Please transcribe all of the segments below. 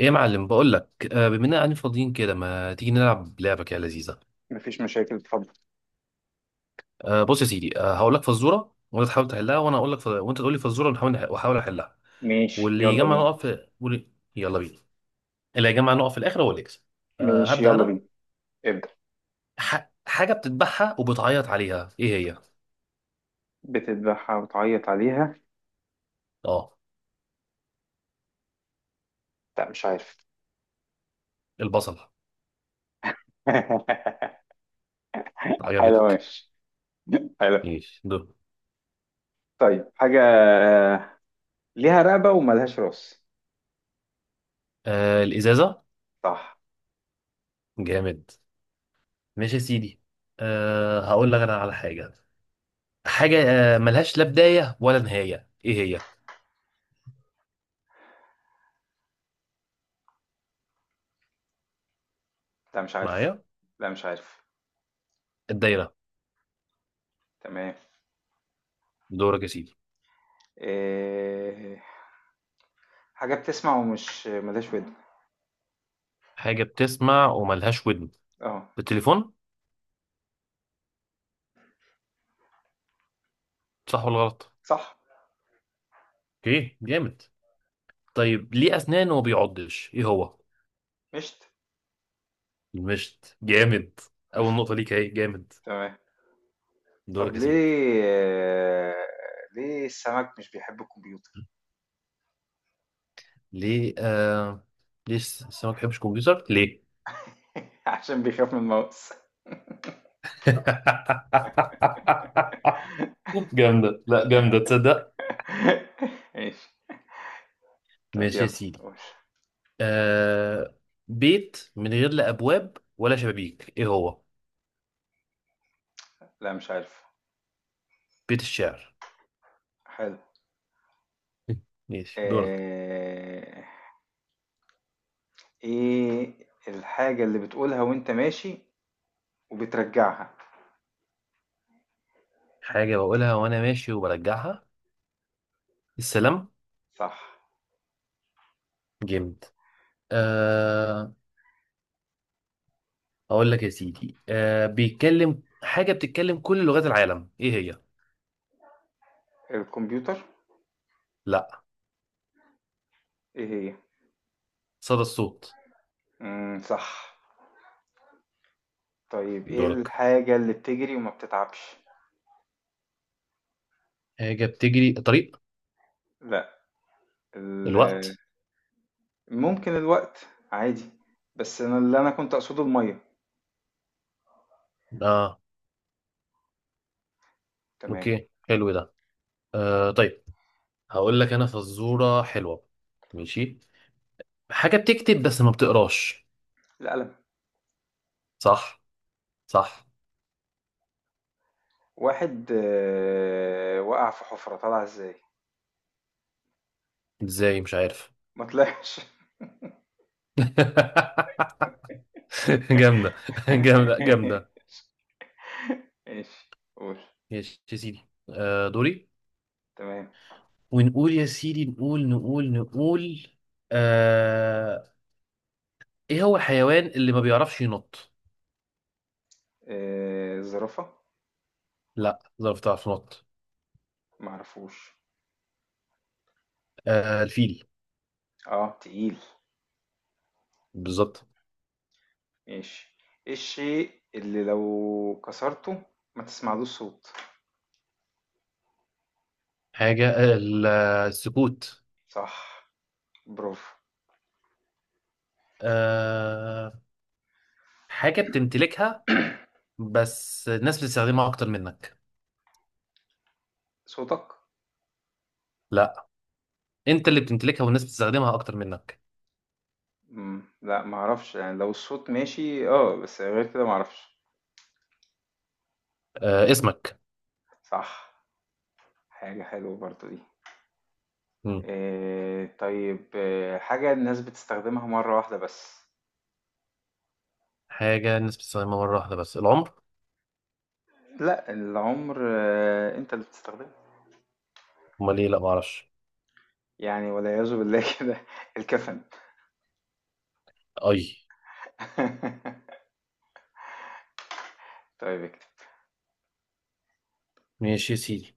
ايه يا معلم بقول لك بما اننا قاعدين فاضيين كده ما تيجي نلعب لعبه كده لذيذه. مفيش مشاكل، اتفضل. بص يا سيدي، هقول لك فزوره وانت تحاول تحلها وانا اقول لك وانت تقول لي فزوره، واحاول احلها. ماشي، واللي يلا يجمع بينا. نقط في واللي... يلا بينا. اللي هيجمع نقط في الاخر هو اللي يكسب. ماشي، هبدا يلا انا. بينا. ابدأ. حاجه بتذبحها وبتعيط عليها، ايه هي؟ بتذبحها وتعيط عليها؟ اه. لا، مش عارف. البصل. حلو، عجبتك؟ ماشي. حلو. ماشي دول. طيب، حاجة ليها رقبة وملهاش راس. الازازه. صح. جامد. ماشي يا سيدي. هقول لك انا على حاجه. حاجه ملهاش لا بدايه ولا نهايه، ايه هي؟ لا، مش عارف. معايا. لا، مش عارف. الدايرة. تمام. دورك يا سيدي. إيه، حاجة بتسمع ومش ملهاش ودن. حاجة بتسمع وملهاش ودن. اه. بالتليفون. صح ولا غلط؟ صح. اوكي، جامد. طيب، ليه أسنان وما بيعضش، ايه هو؟ مشت. المشط. جامد. أول نقطة ليك اهي. جامد. تمام. طب دورك يا سيدي. ليه السمك مش بيحب الكمبيوتر؟ ليه ليه السمك ما بيحبش كمبيوتر، ليه؟ عشان بيخاف من الماوس. جامدة، لا جامدة، تصدق. ماشي. طب ماشي يا يلا سيدي. قول. آه... بيت من غير لا أبواب ولا شبابيك، ايه هو؟ لا، مش عارف. بيت الشعر. حلو. ماشي، دورك. آه، ايه الحاجة اللي بتقولها وانت ماشي وبترجعها؟ حاجة بقولها وأنا ماشي وبرجعها. السلام. صح. جامد. أه. أقول لك يا سيدي، أه، بيتكلم، حاجة بتتكلم كل لغات العالم، إيه هي؟ الكمبيوتر. لا. ايه هي؟ صدى الصوت. مم، صح. طيب، ايه دورك. الحاجة اللي بتجري وما بتتعبش؟ حاجة بتجري طريق. لا. ال- الوقت. ممكن الوقت. عادي. بس انا اللي انا كنت اقصده المية. آه. تمام. أوكي، حلو ده. أه طيب. هقول لك أنا فزورة حلوة. ماشي. حاجة بتكتب بس ما بتقراش. القلم. صح. صح. واحد وقع في حفرة، طلع ازاي؟ إزاي، مش عارف. ما طلعش. جامدة، جامدة جامدة. ماشي، قول. ماشي يا سيدي. أه دوري. تمام. ونقول يا سيدي، نقول. آه... ايه هو الحيوان اللي ما بيعرفش ينط؟ الزرافة. لا، ظرف تعرف تنط. معرفوش. الفيل. اه، تقيل. بالظبط. ماشي. ايه الشيء اللي لو كسرته ما تسمعلوش صوت؟ حاجة السكوت. صح، برافو. آه... حاجة بتمتلكها بس الناس بتستخدمها اكتر منك. صوتك. لا. انت اللي بتمتلكها والناس بتستخدمها اكتر منك. مم. لا، معرفش. يعني لو الصوت ماشي، اه، بس غير كده معرفش. اسمك. صح. حاجة حلوة برضو دي. مم. إيه طيب، إيه حاجة الناس بتستخدمها مرة واحدة بس؟ حاجة الناس بتستخدمها مرة واحدة بس. العمر. لا، العمر انت اللي بتستخدمه. امال ايه، لا ما اعرفش. يعني والعياذ بالله كده. الكفن. اي. طيب، اكتب. ماشي يا سيدي.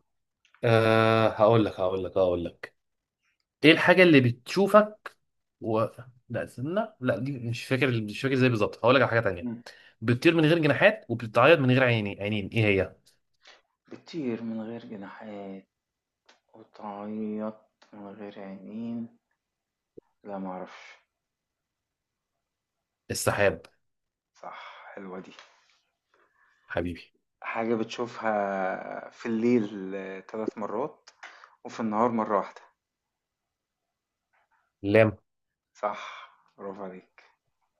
أه، هقول لك. ايه الحاجة اللي بتشوفك و... لا استنى، لا دي مش فاكر، مش فاكر ازاي بالظبط، هقول لك على حاجة تانية. مم. بتطير من غير جناحات وبتتعيط من غير عينين، ايه هي؟ بتطير من غير جناحات وتعيط من غير عينين؟ لا، معرفش. السحاب. صح، حلوة دي. حبيبي. حاجة بتشوفها في الليل 3 مرات، وفي النهار مرة واحدة. لام. صح، برافو عليك.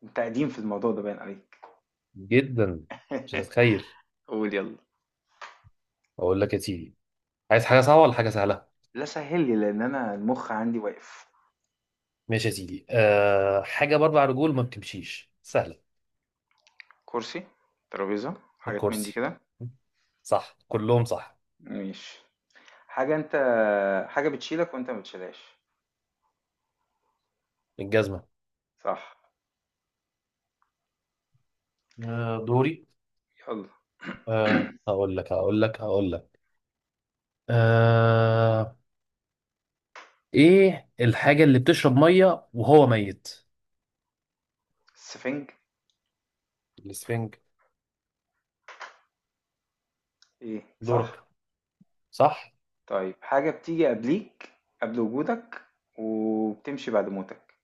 انت قديم في الموضوع ده، باين عليك. جدا. مش هتتخيل. قول يلا. اقول لك يا سيدي، عايز حاجة صعبة ولا حاجة سهلة؟ لا، سهل لي، لان انا المخ عندي واقف. ماشي يا سيدي، أه، حاجة بأربع رجول ما بتمشيش سهلة. كرسي، ترابيزة، حاجات من دي الكرسي. كده. صح كلهم صح. ماشي. حاجة انت حاجة بتشيلك وانت ما بتشيلهاش. الجزمة. صح. أه دوري. يلا. أه، هقول لك. أه، ايه الحاجة اللي بتشرب مية وهو ميت؟ السفنج. الاسفنج. ايه، صح. دورك. صح. طيب، حاجة بتيجي قبليك، قبل وجودك، وبتمشي بعد موتك.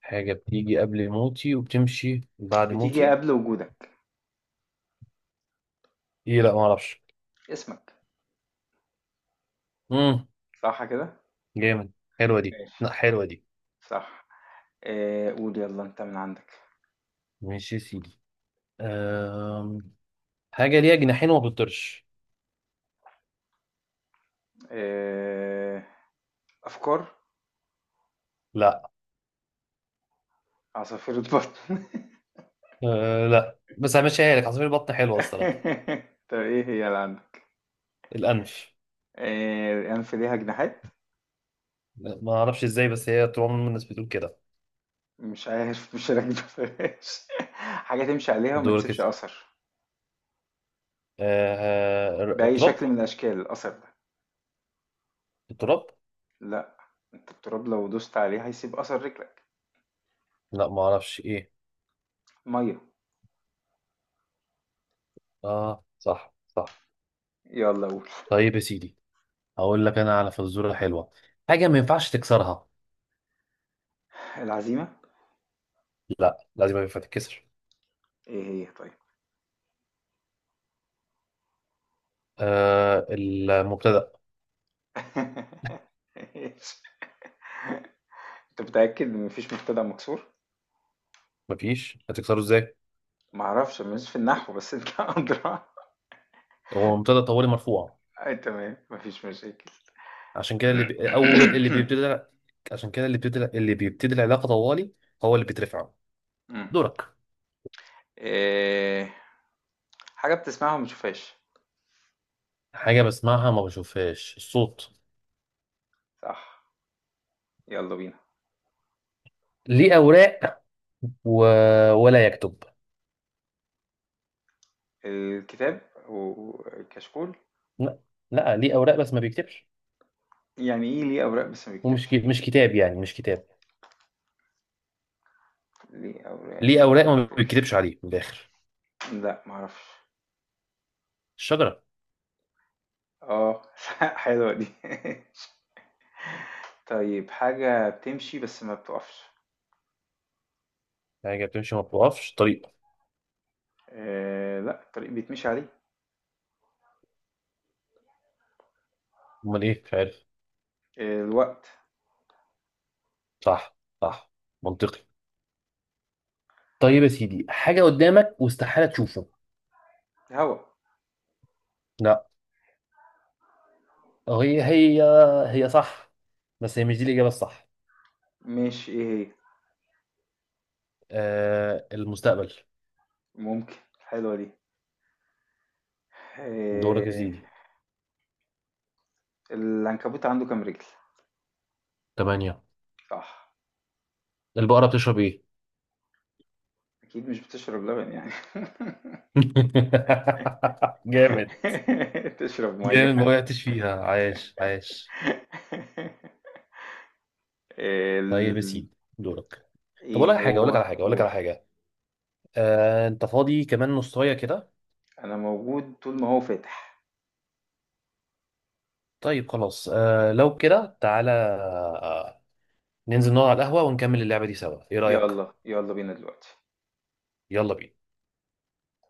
حاجة بتيجي قبل موتي وبتمشي بعد بتيجي موتي. قبل وجودك. ايه، لا ما اعرفش. اسمك. امم. صح كده. جامد. حلوة دي، ماشي. لا حلوة دي. صح. قول يلا انت من عندك. ماشي يا سيدي. أم... حاجة ليها جناحين وما بتطيرش. آه افكار. لا. عصافير بطن. أه لا، بس همشيها لك، عصافير البطن حلوة الصراحة. طب ايه هي اللي عندك؟ الأنف. الانف ليها جناحات؟ لا، ما اعرفش ازاي بس هي طول عمر الناس بتقول كده. مش عارف، مش راكبه فلاش. حاجه تمشي عليها وما دورك كده. تسيبش اثر. بأي تراب. شكل من الأشكال الأثر ده؟ تراب. لا. أنت التراب لو دوست عليه هيسيب أثر رجلك. لا ما اعرفش ايه. مية. اه صح، صح. يلا قول. طيب يا سيدي، هقول لك انا على فزوره حلوه. حاجه ما ينفعش تكسرها. العزيمة. لا لازم ينفع تتكسر. إيه هي طيب؟ آه، المبتدا. إيش؟ أنت متأكد إن مفيش مبتدأ مكسور؟ مفيش هتكسره ازاي، معرفش، مش في النحو، بس أنت أدرى. هو مبتدا طوالي مرفوع، أي، تمام، مفيش مشاكل. عشان كده اول اللي بيبتدي، عشان كده اللي بيبتدي، اللي بيبتدي العلاقه طوالي هو اللي بيترفع. مم. دورك. إيه، حاجة بتسمعها وما بتشوفهاش؟ حاجه بسمعها ما بشوفهاش. الصوت. صح. يلا بينا. ليه اوراق و... ولا يكتب. الكتاب والكشكول. لا. لا ليه اوراق بس ما بيكتبش، يعني إيه ليه أوراق بس ما بيكتبش؟ مش كتاب، يعني مش كتاب. ليه أوراق ليه وما اوراق وما بيكتبش؟ بيتكتبش عليه من الاخر. لأ، ما اعرفش. الشجره. آه، حلوة دي. طيب، حاجة بتمشي بس ما بتقفش. حاجه بتمشي ما بتوقفش. طريقه. لأ، الطريق بيتمشي عليه. امال ايه، مش عارف. الوقت. صح صح. منطقي. طيب يا سيدي، حاجه قدامك واستحاله تشوفه. الهوا. لا. هي، هي هي صح، بس هي مش دي الاجابه الصح. ماشي، إيه هي؟ آه، المستقبل. ممكن، حلوة دي. دورك يا آآ سيدي. العنكبوت عنده كام رجل؟ تمانية. صح. البقره بتشرب ايه؟ أكيد مش بتشرب لبن يعني. جامد، تشرب مَيّة. جامد ما وقعتش فيها، عايش عايش. ال طيب يا سيدي، دورك. طب اقول لك إيه حاجه، اقول هو؟ لك على حاجه اقول لك قُل. على حاجه انت فاضي كمان نصايه كده؟ أنا موجود طول ما هو فاتح. طيب خلاص، لو كده تعالى، ننزل نقعد على القهوة ونكمل اللعبة دي سوا، ايه رأيك؟ يالّا، يالّا بينا دلوقتي. يلا بينا.